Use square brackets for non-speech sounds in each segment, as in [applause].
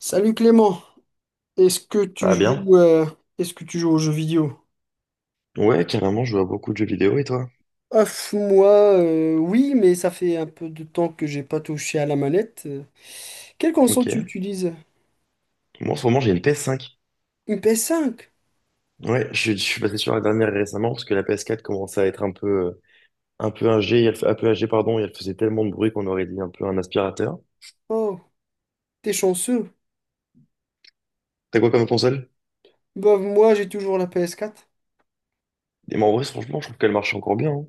Salut Clément, est-ce que Ça tu va bien? joues, euh, est-ce que tu joues aux jeux vidéo? Ouais, carrément, je vois beaucoup de jeux vidéo et toi? Ouf, moi, oui, mais ça fait un peu de temps que j'ai pas touché à la manette. Quelle console tu Ok. utilises? Moi, en ce moment, j'ai une PS5. Une PS5? Ouais, je suis passé sur la dernière récemment parce que la PS4 commençait à être un peu âgée, et elle, un peu âgée, pardon, et elle faisait tellement de bruit qu'on aurait dit un peu un aspirateur. Oh, t'es chanceux. T'as quoi comme console? Bah, moi, j'ai toujours la PS4. Et mais en vrai, franchement, je trouve qu'elle marche encore bien, hein.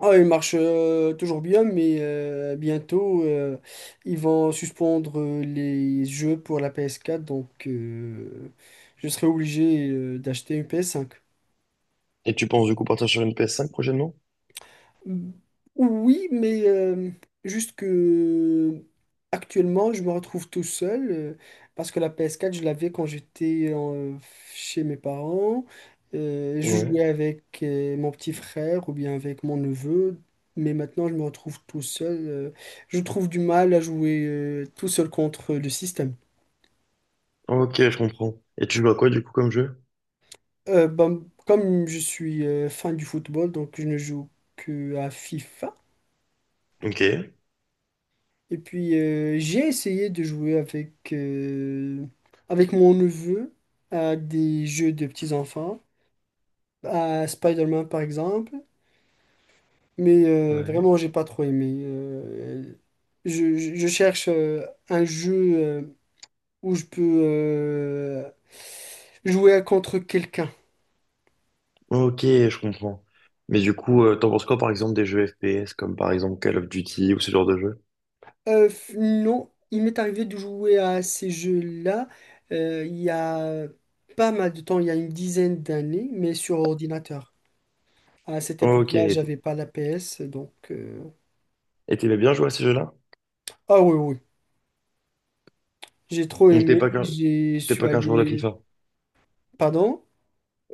Ah, elle marche toujours bien, mais bientôt, ils vont suspendre les jeux pour la PS4, donc je serai obligé d'acheter une PS5. Et tu penses du coup partir sur une PS5 prochainement? Oui, mais juste que actuellement, je me retrouve tout seul, parce que la PS4, je l'avais quand chez mes parents. Je Ouais. jouais avec mon petit frère ou bien avec mon neveu, mais maintenant, je me retrouve tout seul. Je trouve du mal à jouer tout seul contre le système. Ok, je comprends. Et tu joues à quoi du coup comme jeu? Comme je suis fan du football, donc je ne joue que à FIFA. Ok. Et puis j'ai essayé de jouer avec, avec mon neveu à des jeux de petits-enfants, à Spider-Man par exemple, mais Ouais. vraiment j'ai pas trop aimé. Je cherche un jeu où je peux jouer contre quelqu'un. Ok, je comprends. Mais du coup, t'en penses quoi par exemple des jeux FPS comme par exemple Call of Duty ou ce genre de jeu? Non, il m'est arrivé de jouer à ces jeux-là il y a pas mal de temps, il y a une dizaine d'années, mais sur ordinateur. À cette Ok. époque-là, j'avais pas la PS, donc... Et t'aimais bien jouer à ces jeux-là? Ah oui, oui, j'ai trop Donc t'es aimé, pas qu'un, je t'es suis pas qu'un joueur de allé... FIFA. Pardon?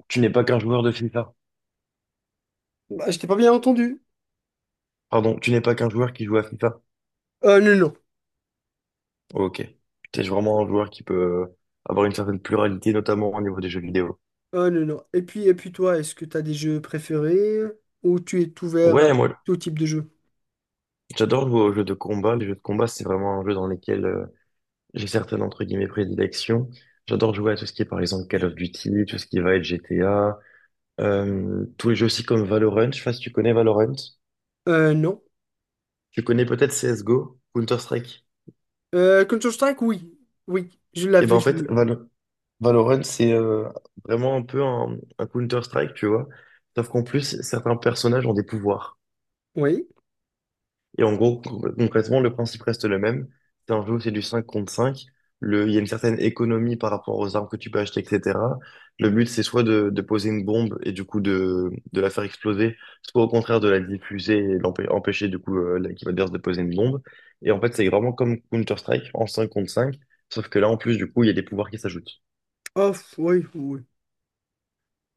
Tu n'es pas qu'un joueur de FIFA. Bah, je t'ai pas bien entendu. Pardon, tu n'es pas qu'un joueur qui joue à FIFA. Ah non, non. Ok. T'es vraiment un joueur qui peut euh, avoir une certaine pluralité, notamment au niveau des jeux vidéo. Ah non, non. Et puis toi, est-ce que tu as des jeux préférés ou tu es ouvert à Ouais, moi, tout type de jeu? j'adore jouer aux jeux de combat. Les jeux de combat, c'est vraiment un jeu dans lequel j'ai certaines, entre guillemets, prédilections. J'adore jouer à tout ce qui est, par exemple, Call of Duty, tout ce qui va être GTA, tous les jeux aussi comme Valorant. Je sais pas si tu connais Valorant. Non. Tu connais peut-être CSGO, Counter-Strike. Counter-Strike, oui. Oui, je Et ben, l'avais en fait, joué. Valorant, c'est vraiment un peu un Counter-Strike, tu vois. Sauf qu'en plus, certains personnages ont des pouvoirs. Oui. Et en gros, concrètement, le principe reste le même. C'est un jeu où c'est du 5 contre cinq. Il y a une certaine économie par rapport aux armes que tu peux acheter, etc. Le but, c'est soit de, poser une bombe et du coup de, la faire exploser, soit au contraire de la diffuser et empêcher du coup l'équipe adverse de poser une bombe. Et en fait, c'est vraiment comme Counter-Strike en 5 contre cinq. Sauf que là, en plus, du coup, il y a des pouvoirs qui s'ajoutent. Oh, oui, oui.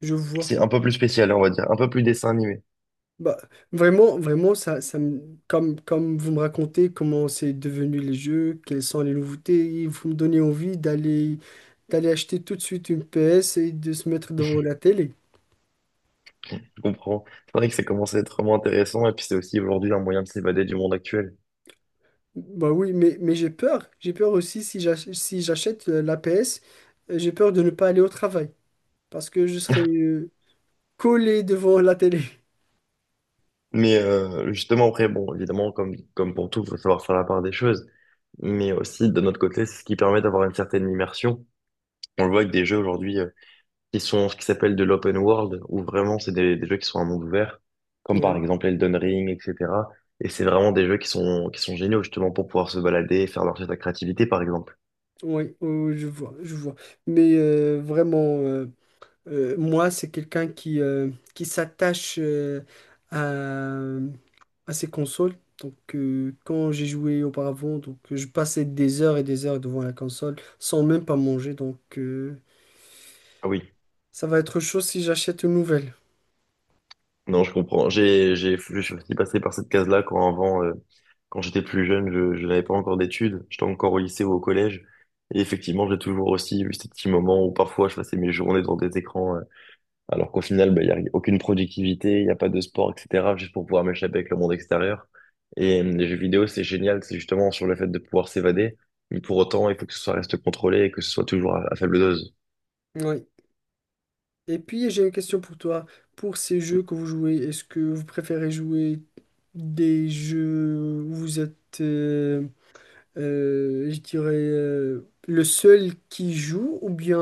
Je vois. C'est un peu plus spécial, on va dire, un peu plus dessin animé. Bah, vraiment, vraiment, comme, comme vous me racontez comment c'est devenu les jeux, quelles sont les nouveautés, vous me donnez envie d'aller acheter tout de suite une PS et de se mettre devant la télé. Je comprends. C'est vrai que ça commence à être vraiment intéressant et puis c'est aussi aujourd'hui un moyen de s'évader du monde actuel. Bah oui, mais j'ai peur. J'ai peur aussi si j'achète la PS, j'ai peur de ne pas aller au travail parce que je serai collé devant la télé. [laughs] Mais justement, après, bon, évidemment, comme pour tout, il faut savoir faire la part des choses. Mais aussi, de notre côté, c'est ce qui permet d'avoir une certaine immersion. On le voit avec des jeux aujourd'hui qui sont ce qui s'appelle de l'open world, où vraiment, c'est des, jeux qui sont un monde ouvert, comme par Oui, exemple Elden Ring, etc. Et c'est vraiment des jeux qui sont, géniaux, justement, pour pouvoir se balader et faire marcher ta créativité, par exemple. oui, oui, je vois, je vois. Mais vraiment. Moi, c'est quelqu'un qui s'attache, à, à ses consoles. Donc, quand j'ai joué auparavant, donc, je passais des heures et des heures devant la console sans même pas manger. Donc, Ah oui. ça va être chaud si j'achète une nouvelle. Non, je comprends. Je suis aussi passé par cette case-là quand avant, quand j'étais plus jeune, je n'avais pas encore d'études. J'étais encore au lycée ou au collège. Et effectivement, j'ai toujours aussi eu ces petits moments où parfois je passais mes journées devant des écrans, alors qu'au final, bah, il n'y a aucune productivité, il n'y a pas de sport, etc., juste pour pouvoir m'échapper avec le monde extérieur. Et les jeux vidéo, c'est génial, c'est justement sur le fait de pouvoir s'évader. Mais pour autant, il faut que ce soit reste contrôlé et que ce soit toujours à faible dose. Oui. Et puis, j'ai une question pour toi. Pour ces jeux que vous jouez, est-ce que vous préférez jouer des jeux où vous êtes, je dirais le seul qui joue ou bien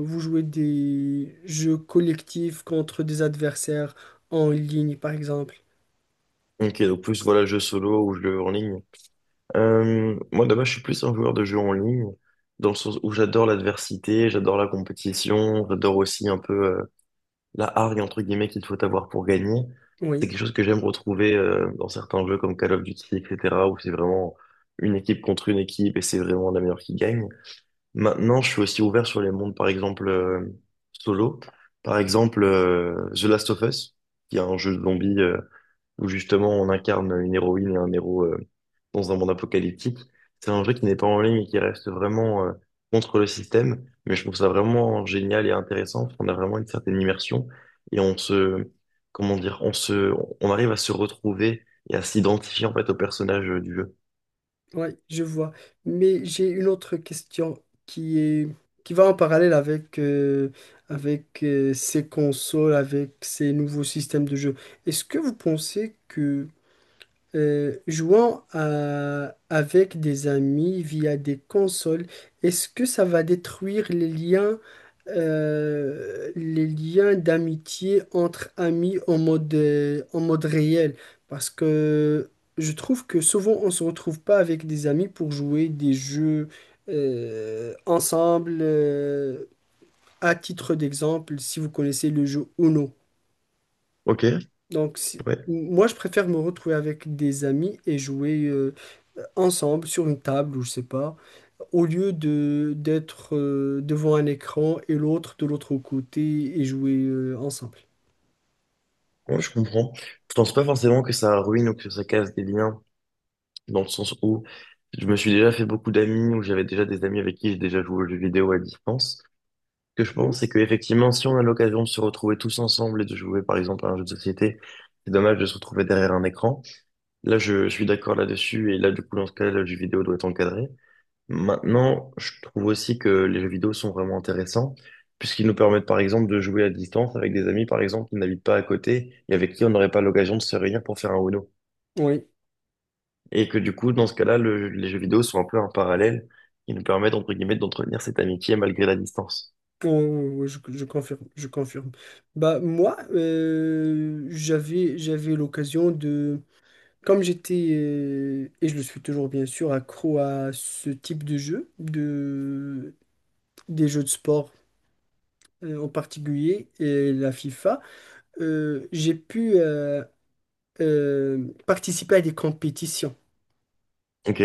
vous jouez des jeux collectifs contre des adversaires en ligne par exemple. Ok, donc plus voilà jeu solo ou jeu en ligne. Moi, de base, je suis plus un joueur de jeux en ligne, dans le sens où j'adore l'adversité, j'adore la compétition, j'adore aussi un peu la hargne, entre guillemets, qu'il faut avoir pour gagner. C'est Oui, quelque chose que j'aime retrouver dans certains jeux comme Call of Duty, etc., où c'est vraiment une équipe contre une équipe et c'est vraiment la meilleure qui gagne. Maintenant, je suis aussi ouvert sur les mondes, par exemple, solo. Par exemple, The Last of Us, qui est un jeu de zombies où justement on incarne une héroïne et un héros dans un monde apocalyptique. C'est un jeu qui n'est pas en ligne et qui reste vraiment contre le système, mais je trouve ça vraiment génial et intéressant. On a vraiment une certaine immersion et comment dire, on arrive à se retrouver et à s'identifier en fait au personnage du jeu. oui, je vois. Mais j'ai une autre question qui est qui va en parallèle avec ces consoles, avec ces nouveaux systèmes de jeu. Est-ce que vous pensez que, jouant avec des amis via des consoles, est-ce que ça va détruire les liens d'amitié entre amis en mode réel? Parce que je trouve que souvent on se retrouve pas avec des amis pour jouer des jeux ensemble. À titre d'exemple, si vous connaissez le jeu Uno. Ok, Donc, ouais, moi, je préfère me retrouver avec des amis et jouer ensemble sur une table ou je sais pas, au lieu de d'être devant un écran et l'autre de l'autre côté et jouer ensemble. ouais, je comprends. Je pense pas forcément que ça ruine ou que ça casse des liens, dans le sens où je me suis déjà fait beaucoup d'amis, ou j'avais déjà des amis avec qui j'ai déjà joué aux jeux vidéo à distance. Que je Oui, pense, c'est qu'effectivement, si on a l'occasion de se retrouver tous ensemble et de jouer, par exemple, à un jeu de société, c'est dommage de se retrouver derrière un écran. Là, je suis d'accord là-dessus, et là, du coup, dans ce cas-là, le jeu vidéo doit être encadré. Maintenant, je trouve aussi que les jeux vidéo sont vraiment intéressants, puisqu'ils nous permettent, par exemple, de jouer à distance avec des amis, par exemple, qui n'habitent pas à côté et avec qui on n'aurait pas l'occasion de se réunir pour faire un Uno. oui, Et que, du coup, dans ce cas-là, les jeux vidéo sont un peu un parallèle qui nous permettent, entre guillemets, d'entretenir cette amitié malgré la distance. Oui, je confirme, je confirme. Bah moi, j'avais l'occasion de, comme j'étais et je le suis toujours bien sûr accro à ce type de jeu, de des jeux de sport en particulier la FIFA, j'ai pu participer à des compétitions. Ok.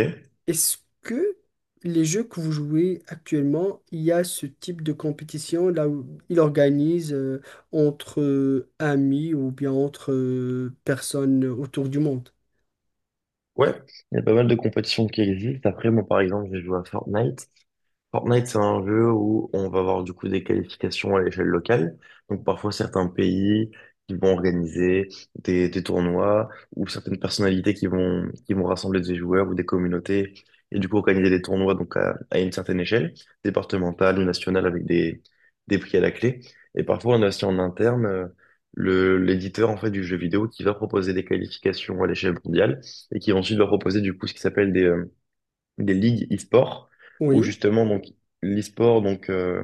Est-ce que les jeux que vous jouez actuellement, il y a ce type de compétition là où il organise entre amis ou bien entre personnes autour du monde? Ouais, il y a pas mal de compétitions qui existent. Après, moi, par exemple, j'ai joué à Fortnite. Fortnite, c'est un jeu où on va avoir du coup des qualifications à l'échelle locale. Donc parfois certains pays qui vont organiser des, tournois ou certaines personnalités qui vont rassembler des joueurs ou des communautés et du coup organiser des tournois donc à, une certaine échelle, départementale ou nationale avec des, prix à la clé. Et parfois on a aussi en interne l'éditeur en fait du jeu vidéo qui va proposer des qualifications à l'échelle mondiale et qui ensuite va proposer du coup ce qui s'appelle des ligues e-sport. Où Oui, justement donc l'e-sport donc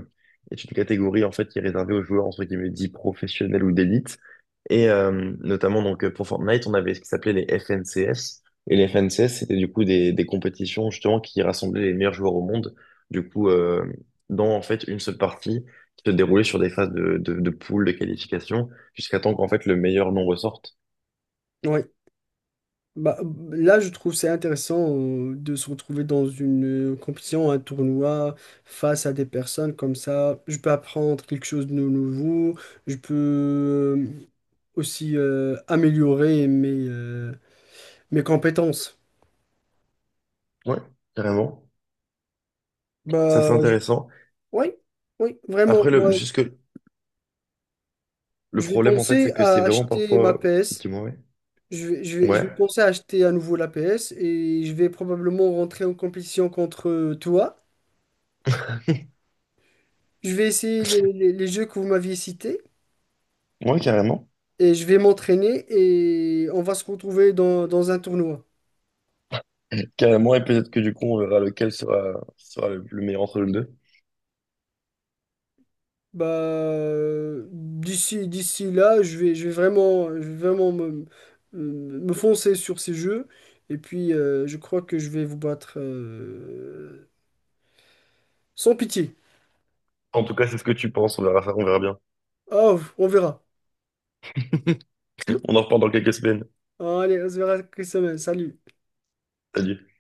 est une catégorie en fait qui est réservée aux joueurs entre guillemets dits professionnels ou d'élite. Et notamment donc pour Fortnite on avait ce qui s'appelait les FNCS, et les FNCS c'était du coup des, compétitions justement qui rassemblaient les meilleurs joueurs au monde, du coup dans en fait une seule partie qui se déroulait sur des phases de poules de qualification jusqu'à temps qu'en fait le meilleur nombre sorte. oui. Bah, là, je trouve c'est intéressant de se retrouver dans une compétition, un tournoi, face à des personnes comme ça. Je peux apprendre quelque chose de nouveau. Je peux aussi améliorer mes compétences. Ouais, carrément. Ça c'est Bah, je- intéressant, oui, oui, vraiment. après le Moi, jusque. Le je vais problème, en fait, penser c'est que c'est à vraiment acheter ma parfois. PS. Dis-moi, ouais. Je vais, je vais Ouais, penser à acheter à nouveau la PS et je vais probablement rentrer en compétition contre toi. Je vais essayer les, les jeux que vous m'aviez cités. ouais, carrément. Et je vais m'entraîner et on va se retrouver dans un tournoi. Carrément, et peut-être que du coup, on verra lequel sera, le, meilleur entre les deux. Bah, d'ici là, je vais vraiment, me foncer sur ces jeux. Et puis, je crois que je vais vous battre sans pitié. En tout cas, c'est ce que tu penses, on verra ça, on verra bien. Oh, on verra. [laughs] On en reparle dans quelques semaines. Allez, on se verra, cette semaine. Salut. Salut.